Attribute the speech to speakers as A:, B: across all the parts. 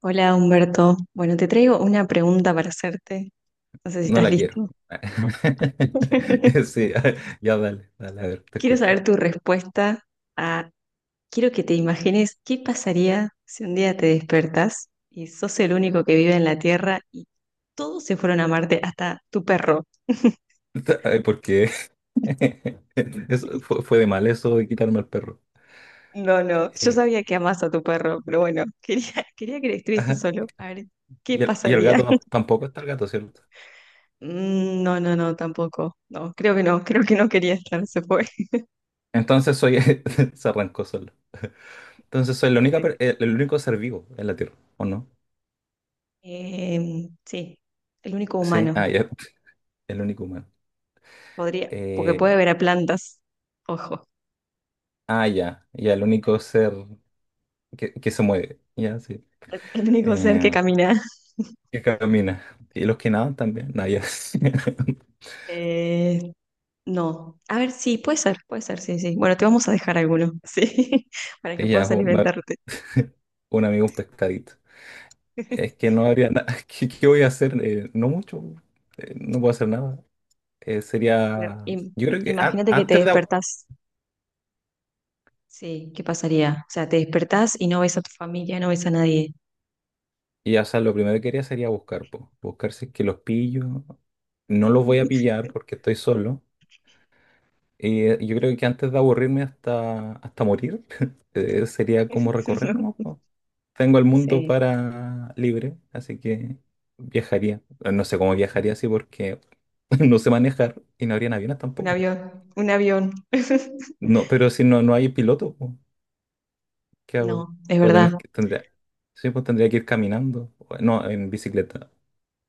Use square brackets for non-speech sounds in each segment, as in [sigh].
A: Hola Humberto. Bueno, te traigo una pregunta para hacerte. No sé si
B: No
A: estás
B: la quiero.
A: listo.
B: [laughs]
A: [laughs]
B: Sí, ya dale, dale, a ver, te
A: Quiero
B: escucho.
A: saber tu respuesta a, Quiero que te imagines qué pasaría si un día te despertas y sos el único que vive en la Tierra y todos se fueron a Marte, hasta tu perro.
B: Ay, porque [laughs] eso fue de mal eso de quitarme al perro.
A: No, no, yo
B: Eh,
A: sabía que amás a tu perro, pero bueno, quería, [laughs] quería que estuviese
B: ajá,
A: solo. A ver, ¿qué
B: Y el
A: pasaría?
B: gato
A: [laughs]
B: tampoco está el gato, ¿cierto?
A: Mm, no, no, no, tampoco. No, creo que no, creo que no quería estar, se fue.
B: Entonces soy, [laughs] se arrancó solo. Entonces soy la
A: [laughs]
B: el único ser vivo en la Tierra, ¿o no?
A: Sí, el único
B: Sí,
A: humano.
B: ya, [laughs] el único humano.
A: Podría, porque
B: Eh,
A: puede ver a plantas. Ojo,
B: ya, ya, el único ser que se mueve, ya, sí.
A: [laughs] el único ser que
B: Eh,
A: camina.
B: que camina. Y los que nadan también, no, ya. [laughs]
A: Eh, no. A ver, sí, puede ser, sí, sí. Bueno, te vamos a dejar alguno, [laughs] sí, para que
B: Y ya,
A: puedas
B: jo,
A: alimentarte.
B: [laughs] un amigo, un pescadito. Es que
A: [laughs]
B: no habría nada. [laughs] ¿Qué voy a hacer? No mucho. No puedo hacer nada.
A: Pero
B: Sería.
A: im-
B: Yo creo que
A: Imagínate que te
B: antes
A: despertás. Sí, ¿qué pasaría? O sea, te despertás y no ves a tu familia, no ves a nadie.
B: y o sea, lo primero que haría sería buscar, po. Buscar si es que los pillo. No los voy a
A: [laughs]
B: pillar porque estoy solo. Yo creo que antes de aburrirme hasta morir, [laughs] sería como
A: No,
B: recorrer, ¿no? Tengo el mundo
A: sí,
B: para libre, así que viajaría. No sé cómo viajaría así porque [laughs] no sé manejar y no habrían aviones
A: un
B: tampoco.
A: avión, un avión. [laughs]
B: No, pero si no, no hay piloto, po, ¿qué hago?
A: No, es
B: Voy a tener
A: verdad.
B: sí, pues tendría que ir caminando, no, en bicicleta.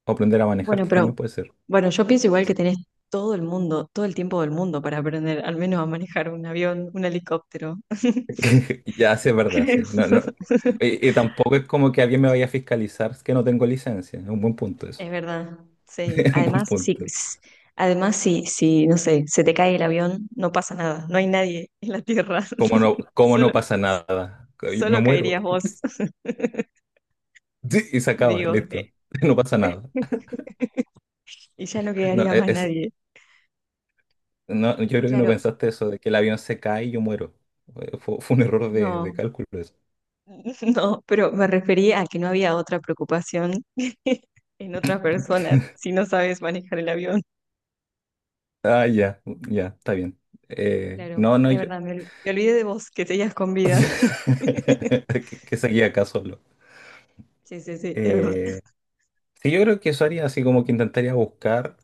B: O aprender a manejar
A: Bueno,
B: también
A: pero
B: puede ser.
A: Bueno, yo pienso igual que tenés todo el mundo, todo el tiempo del mundo para aprender, al menos a manejar un avión, un helicóptero. [laughs]
B: [laughs] Ya, sí, es verdad,
A: Creo.
B: sí. No, no. Y tampoco es como que alguien me vaya a fiscalizar que no tengo licencia. Es un buen punto eso.
A: Es verdad,
B: [laughs]
A: sí.
B: Es un buen
A: Además,
B: punto.
A: sí, sí, no sé, se te cae el avión, no pasa nada, no hay nadie en la tierra.
B: Como no,
A: [laughs]
B: como no
A: Solo,
B: pasa nada. Me
A: solo
B: muero.
A: caerías vos, [laughs]
B: Sí, y se acaba,
A: digo,
B: listo. [laughs] No pasa nada.
A: y ya no
B: No,
A: quedaría más
B: es,
A: nadie.
B: no, yo creo que no
A: Claro,
B: pensaste eso, de que el avión se cae y yo muero. Eh, fue un error de
A: no,
B: cálculo eso.
A: [laughs] no, pero me refería a que no había otra preocupación [laughs] en otras personas si no sabes manejar el avión.
B: Ah, ya, ya, está bien.
A: Claro,
B: No, no,
A: es
B: yo.
A: verdad, me olvidé de vos, que seguías con vida. [laughs]
B: [laughs] Que seguía acá solo.
A: Sí, sí, sí, es verdad.
B: Eh, sí, yo creo que eso haría así como que intentaría buscar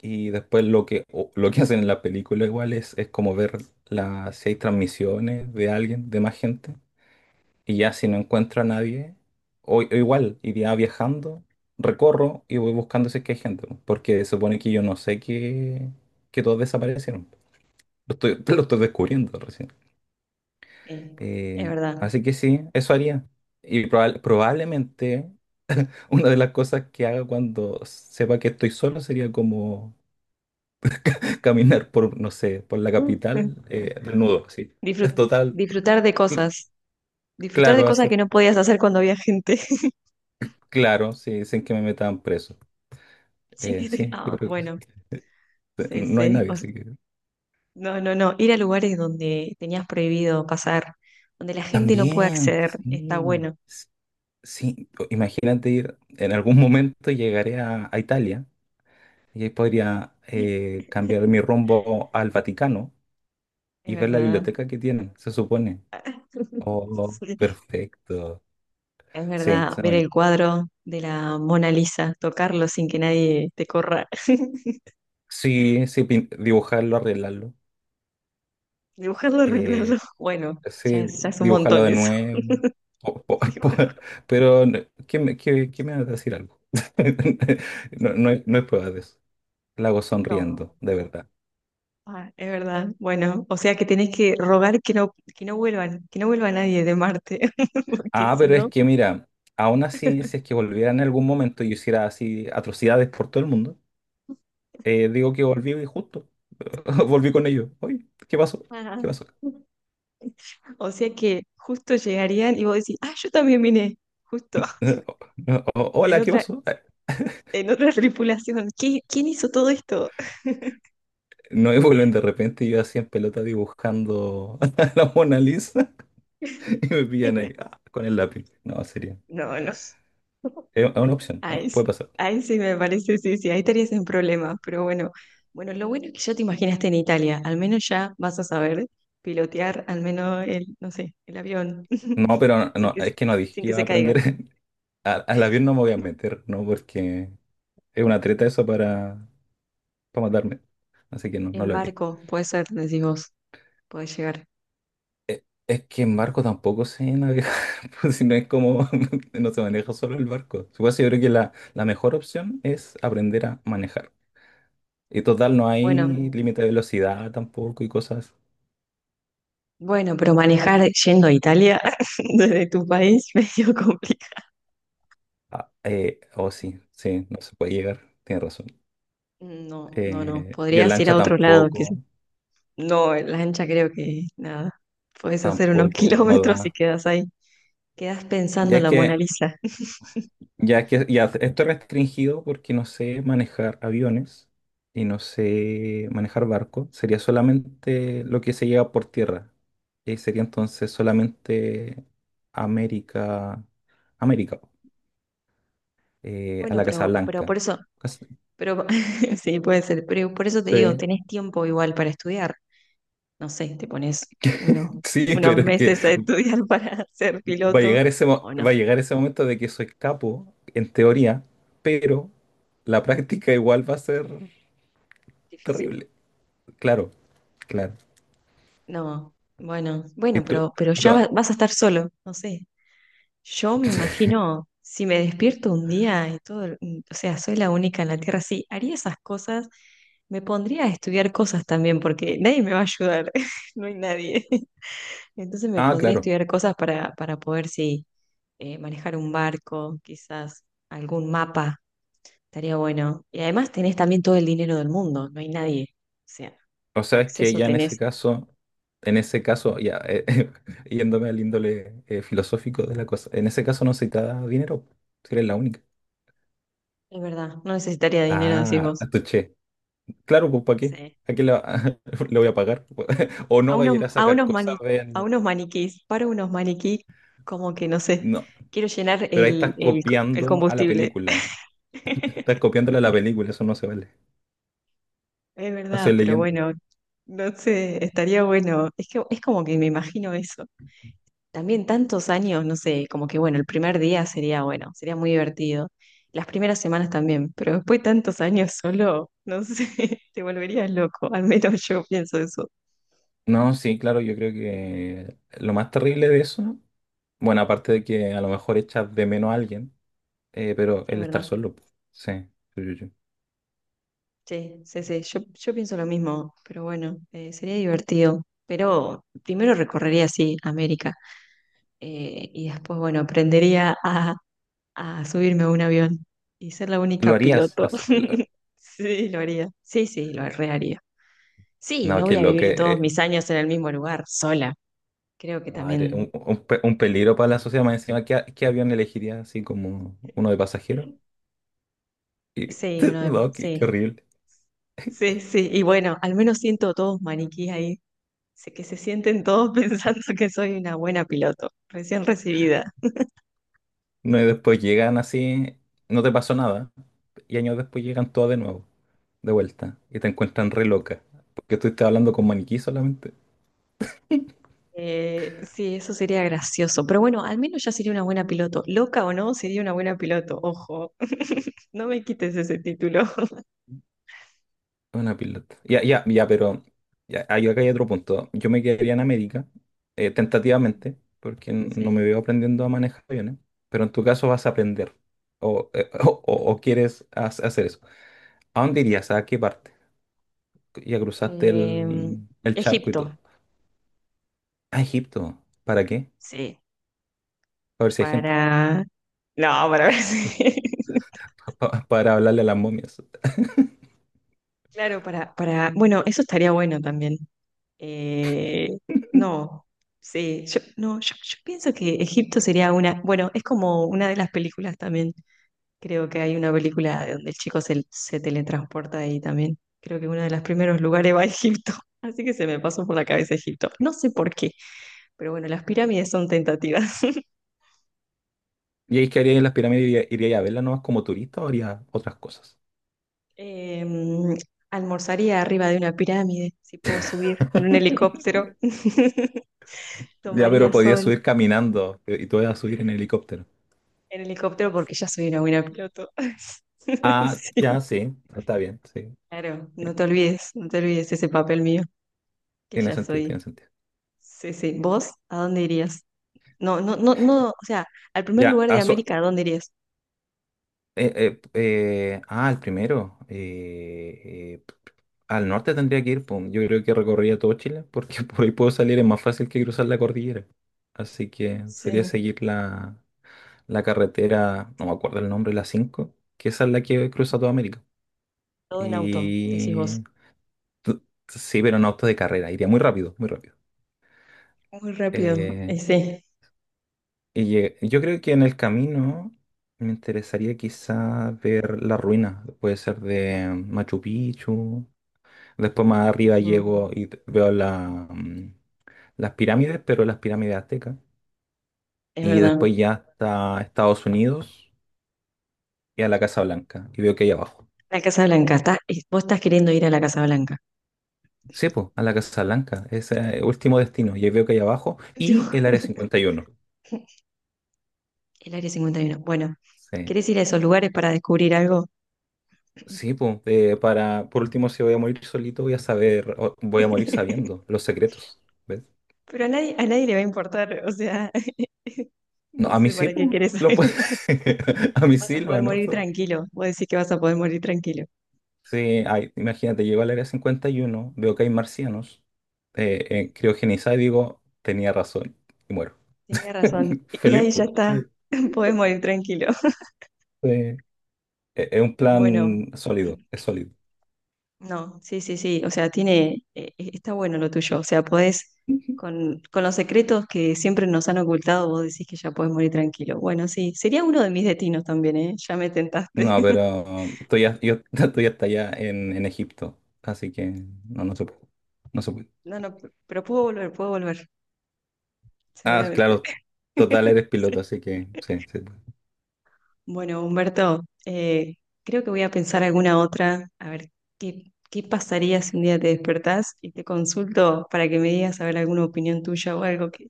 B: y después lo lo que hacen en la película igual es como ver las, si hay transmisiones de alguien, de más gente. Y ya si no encuentro a nadie, o igual iría viajando, recorro y voy buscando si es que hay gente, po, porque se supone que yo no sé que todos desaparecieron. Lo estoy, [laughs] lo estoy descubriendo recién.
A: Sí, es verdad.
B: Así que sí, eso haría. Y probablemente [laughs] una de las cosas que haga cuando sepa que estoy solo sería como [laughs] caminar por, no sé, por la
A: [laughs]
B: capital desnudo, así. Es
A: Disfrut-
B: total,
A: Disfrutar de
B: cl-
A: cosas, disfrutar de
B: claro,
A: cosas que
B: hacer,
A: no podías hacer cuando había gente. [laughs]
B: claro, sí, sin que me metan preso.
A: Sí,
B: Sí,
A: ah,
B: yo creo que
A: bueno,
B: sí.
A: sí,
B: No hay
A: sí.
B: nadie, así que...
A: No, no, no, ir a lugares donde tenías prohibido pasar, donde la gente no puede
B: También,
A: acceder, está
B: sí.
A: bueno.
B: Sí, imagínate ir, en algún momento llegaré a Italia y ahí podría cambiar
A: [laughs]
B: mi rumbo al Vaticano
A: Es
B: y ver la
A: verdad.
B: biblioteca que tienen, se supone.
A: [laughs]
B: Oh,
A: Sí,
B: perfecto.
A: es
B: Sí,
A: verdad,
B: suena
A: ver
B: bien.
A: el cuadro de la Mona Lisa, tocarlo sin que nadie te corra. [laughs]
B: Sí, sí, dibujarlo, arreglarlo.
A: Dibujarlo, arreglarlo.
B: eh,
A: [laughs] Bueno,
B: sí,
A: ya es un
B: dibujarlo
A: montón
B: de
A: eso.
B: nuevo. Po- po-
A: [laughs]
B: [laughs] po-
A: Dibujarlo.
B: pero, ¿qué me, qué me va a decir algo? [laughs] No, no hay, no hay pruebas de eso. La hago
A: No.
B: sonriendo, de verdad.
A: Ah, es verdad. Bueno, o sea que tenés que rogar que no vuelvan, que no vuelva nadie de Marte, [laughs] porque
B: Ah,
A: si
B: pero es
A: no.
B: que mira, aún así, si es que volviera en algún momento y yo hiciera así atrocidades por todo el mundo, digo que volví y justo. [laughs] Volví con ellos. Oye, ¿qué pasó?
A: Ajá.
B: ¿Qué pasó? [laughs]
A: O sea que justo llegarían y vos decís, ah, yo también vine, justo,
B: No,
A: en
B: hola, ¿qué
A: otra,
B: pasó?
A: en otra [laughs] tripulación. ¿Quién hizo todo esto?
B: No, y vuelven de repente y yo así en pelota dibujando [laughs] a la Mona Lisa [laughs] y me pillan ahí
A: [laughs]
B: ah, con el lápiz. No, sería.
A: No, no.
B: Es una opción, no,
A: Ahí, sí,
B: puede pasar.
A: ahí sí me parece, sí, sí, ahí estarías en problemas, pero bueno, bueno, lo bueno es que ya te imaginaste en Italia, al menos ya vas a saber pilotear al menos el, no sé, el avión, [laughs]
B: No, pero no,
A: sin
B: no,
A: que,
B: es
A: se-
B: que no dije
A: sin
B: que
A: que
B: iba
A: se
B: a
A: caiga.
B: aprender. [laughs] Al avión no me voy a meter, ¿no? Porque es una treta eso para matarme. Así que no, no
A: En
B: lo haré.
A: barco, puede ser, decís vos, puedes llegar.
B: Es que en barco tampoco sé navegar, [laughs] pues si no es como, [laughs] no se maneja solo el barco. Supongo que yo creo que la mejor opción es aprender a manejar. Y total, no hay
A: Bueno,
B: límite de velocidad tampoco y cosas.
A: bueno, pero, manejar yendo a Italia [laughs] desde tu país [laughs] medio complicado.
B: Oh, sí, sí, no se puede llegar, tienes razón.
A: No, no, no,
B: Y en
A: podrías ir a
B: lancha
A: otro lado, que
B: tampoco,
A: no, en lancha creo que nada, puedes hacer unos [laughs]
B: tampoco, no
A: kilómetros y
B: da.
A: quedas ahí. Quedas
B: Ya
A: pensando en
B: es
A: la Mona
B: que
A: Lisa.
B: Ya que ya esto es restringido porque no sé manejar aviones y no sé manejar barcos. Sería solamente lo que se lleva por tierra. Y sería entonces solamente América, América, a
A: Bueno,
B: la Casa
A: pero, pero
B: Blanca.
A: por eso,
B: Cas-
A: pero [laughs] sí, puede ser, pero por eso te digo,
B: Sí,
A: tenés tiempo igual para estudiar. No sé, te pones unos,
B: [laughs] sí,
A: unos
B: pero es que
A: meses a estudiar [laughs] para ser
B: va a
A: piloto
B: llegar
A: o
B: va a
A: no.
B: llegar ese momento de que soy capo, en teoría, pero la práctica igual va a ser
A: Difícil.
B: terrible. Claro, claro.
A: No, bueno,
B: Y
A: bueno,
B: tú-
A: pero ya
B: pero-
A: vas a estar solo, no sé. Yo me imagino, si me despierto un día y todo, o sea, soy la única en la Tierra, sí, haría esas cosas, me pondría a estudiar cosas también, porque nadie me va a ayudar, [laughs] no hay nadie. Entonces me
B: ah,
A: podría
B: claro.
A: estudiar cosas para poder, sí, manejar un barco, quizás algún mapa, estaría bueno. Y además tenés también todo el dinero del mundo, no hay nadie. O sea,
B: O sea, es que
A: acceso
B: ya
A: tenés.
B: en ese caso, ya [laughs] yéndome al índole filosófico de la cosa, en ese caso no se te dinero, si eres la única.
A: Es verdad, no necesitaría dinero, decís
B: Ah,
A: vos.
B: a tu che. Claro, pues ¿para qué?
A: Sí.
B: ¿A qué le, [laughs] le voy a pagar? [laughs] O
A: A
B: no va a ir
A: unos,
B: a
A: a
B: sacar
A: unos
B: cosas,
A: a
B: vean.
A: unos maniquís, para unos maniquís, como que no sé,
B: No,
A: quiero llenar
B: pero ahí
A: el,
B: estás
A: el, co- el
B: copiando a la
A: combustible.
B: película. Estás
A: [laughs]
B: copiándole a la película, eso no se vale.
A: Es
B: No soy
A: verdad, pero
B: leyendo.
A: bueno, no sé, estaría bueno. Es que es como que me imagino eso. También tantos años, no sé, como que bueno, el primer día sería bueno, sería muy divertido. Las primeras semanas también, pero después de tantos años solo, no sé, [laughs] te volverías loco, al menos yo pienso eso.
B: No, sí, claro, yo creo que lo más terrible de eso, bueno, aparte de que a lo mejor echas de menos a alguien. Pero
A: Es
B: el estar
A: verdad.
B: solo, pu. Sí. Sí, sí, sí.
A: Sí, sí, sí, yo, pienso lo mismo, pero bueno, sería divertido. Pero primero recorrería sí América y después, bueno, aprendería a subirme a un avión y ser la
B: ¿Lo
A: única
B: harías?
A: piloto. [laughs] Sí, lo haría. Sí, sí, lo reharía. Sí,
B: No,
A: no
B: que
A: voy a
B: lo que...
A: vivir todos
B: eh,
A: mis años en el mismo lugar, sola. Creo que
B: madre,
A: también.
B: un un peligro para la sociedad más encima. ¿Qué, qué avión elegirías así como uno de pasajero? Y,
A: Sí,
B: [laughs]
A: uno de...
B: no, qué, qué
A: Sí,
B: horrible.
A: sí, sí. Y bueno, al menos siento todos maniquíes ahí. Sé que se sienten todos [laughs] pensando que soy una buena piloto, recién recibida.
B: No, y después llegan así, no te pasó nada. Y años después llegan todas de nuevo, de vuelta. Y te encuentran re loca. Porque tú estás hablando con maniquí solamente.
A: Sí, eso sería gracioso. Pero bueno, al menos ya sería una buena piloto. Loca o no, sería una buena piloto. Ojo, [laughs] no me quites ese título.
B: Una pilota. Ya, ya, ya, pero ya, ahí acá hay otro punto. Yo me quedaría en América,
A: Mm,
B: tentativamente, porque no me
A: sí.
B: veo aprendiendo a manejar aviones, pero en tu caso vas a aprender o, [laughs] o, o quieres hacer eso. ¿A dónde irías? ¿A qué parte? Ya cruzaste
A: Em,
B: el charco y
A: Egipto,
B: todo. A Egipto. ¿Para qué?
A: sí.
B: Para ver si hay gente.
A: Para... No, para ver si...
B: [laughs]
A: [laughs]
B: Para hablarle a las momias.
A: Claro, para, bueno, eso estaría bueno también. Eh, no, sí, yo, no, yo pienso que Egipto sería una, bueno, es como una de las películas también. Creo que hay una película donde el chico se, se teletransporta ahí también. Creo que uno de los primeros lugares va a Egipto. [laughs] Así que se me pasó por la cabeza Egipto. No sé por qué, pero bueno, las pirámides son tentativas. [laughs]
B: ¿Y ahí que harías en las pirámides? ¿Irías a verlas nomás como turista o harías otras cosas?
A: Em, Almorzaría arriba de una pirámide, si puedo subir en un
B: [laughs]
A: helicóptero. [laughs]
B: Ya, pero
A: Tomaría
B: podías
A: sol.
B: subir caminando y tú ibas a subir en helicóptero.
A: En helicóptero porque ya soy una buena piloto. [laughs]
B: Ah,
A: Sí.
B: ya, sí, está bien, sí.
A: Claro, no
B: Sí,
A: te olvides, no te olvides ese papel mío, que
B: tiene
A: ya
B: sentido,
A: soy.
B: tiene sentido.
A: Sí, sí. ¿Vos a dónde irías? No, no, no, no, o sea, al primer
B: Ya,
A: lugar de
B: ah, so-
A: América, ¿a dónde irías?
B: el primero. Al norte tendría que ir, pum. Yo creo que recorrería todo Chile, porque [laughs] por ahí puedo salir, es más fácil que cruzar la cordillera. Así que
A: Sí.
B: sería seguir la carretera, no me acuerdo el nombre, la 5, que esa es la que cruza toda América.
A: Todo en auto, decís vos.
B: Y... t- Sí, pero en auto de carrera, iría muy rápido, muy rápido.
A: Muy rápido.
B: Eh,
A: Sí.
B: Yo creo que en el camino me interesaría quizá ver las ruinas, puede ser de Machu Picchu, después más arriba
A: Ujú.
B: llego y veo la, las pirámides, pero las pirámides aztecas,
A: Es
B: y
A: verdad.
B: después ya hasta Estados Unidos y a la Casa Blanca, y veo que hay abajo.
A: La Casa Blanca, vos estás queriendo ir a la Casa Blanca.
B: Sí, pues, a la Casa Blanca, ese es el último destino, y ahí veo que hay abajo,
A: [laughs] Tipo,
B: y el Área cincuenta y uno.
A: el Área 51. Bueno,
B: Sí.
A: ¿querés ir a esos lugares para descubrir algo?
B: Sí, pues, para, por último, si voy a morir solito, voy a saber, o voy a morir
A: [laughs]
B: sabiendo los secretos, ¿ves?
A: Pero a nadie le va a importar, o sea, [laughs]
B: No,
A: no
B: a mí
A: sé
B: sí,
A: para
B: pues,
A: qué querés
B: lo
A: saber.
B: puedo,
A: [laughs]
B: [laughs] a mí
A: Vas
B: sí
A: a
B: lo
A: poder morir
B: anoto.
A: tranquilo, vos decís que vas a poder morir tranquilo.
B: Sí, ay, imagínate, llego al área 51, veo que hay marcianos, criogenizada y digo, tenía razón, y muero.
A: Tenía razón,
B: [laughs]
A: y
B: Feliz,
A: ahí ya
B: po.
A: está,
B: Sí.
A: [laughs] podés morir tranquilo.
B: Sí. Es un
A: Bueno,
B: plan sólido, es sólido.
A: no, sí, sí, sí, o sea, tiene, está bueno lo tuyo, o sea, podés,
B: Ujú.
A: con los secretos que siempre nos han ocultado, vos decís que ya podés morir tranquilo. Bueno, sí, sería uno de mis destinos también, ¿eh? Ya me tentaste.
B: No, pero
A: [laughs]
B: estoy, yo [laughs] estoy hasta allá en Egipto, así que no, no se puede, no se puede.
A: No, no, pero puedo volver,
B: Ah,
A: seguramente.
B: claro, total,
A: [laughs]
B: eres piloto, así que sí, sí.
A: Bueno, Humberto, creo que voy a pensar alguna otra, a ver, ¿qué, qué pasaría si un día te despertás y te consulto para que me digas a ver alguna opinión tuya o algo que,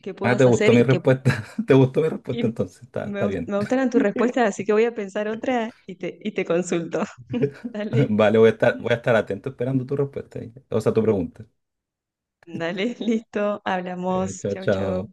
A: que
B: Ah, ¿te
A: puedas hacer
B: gustó mi
A: y que
B: respuesta? [laughs] ¿Te gustó mi respuesta
A: y
B: entonces? Está,
A: me,
B: está
A: gust-
B: bien.
A: me gustaran
B: [laughs]
A: tus respuestas, así que voy a pensar otra y te consulto. [laughs] Dale,
B: Vale, voy a estar atento esperando tu respuesta. O sea, tu pregunta.
A: dale, listo, hablamos,
B: Chao,
A: chau, chau.
B: chao.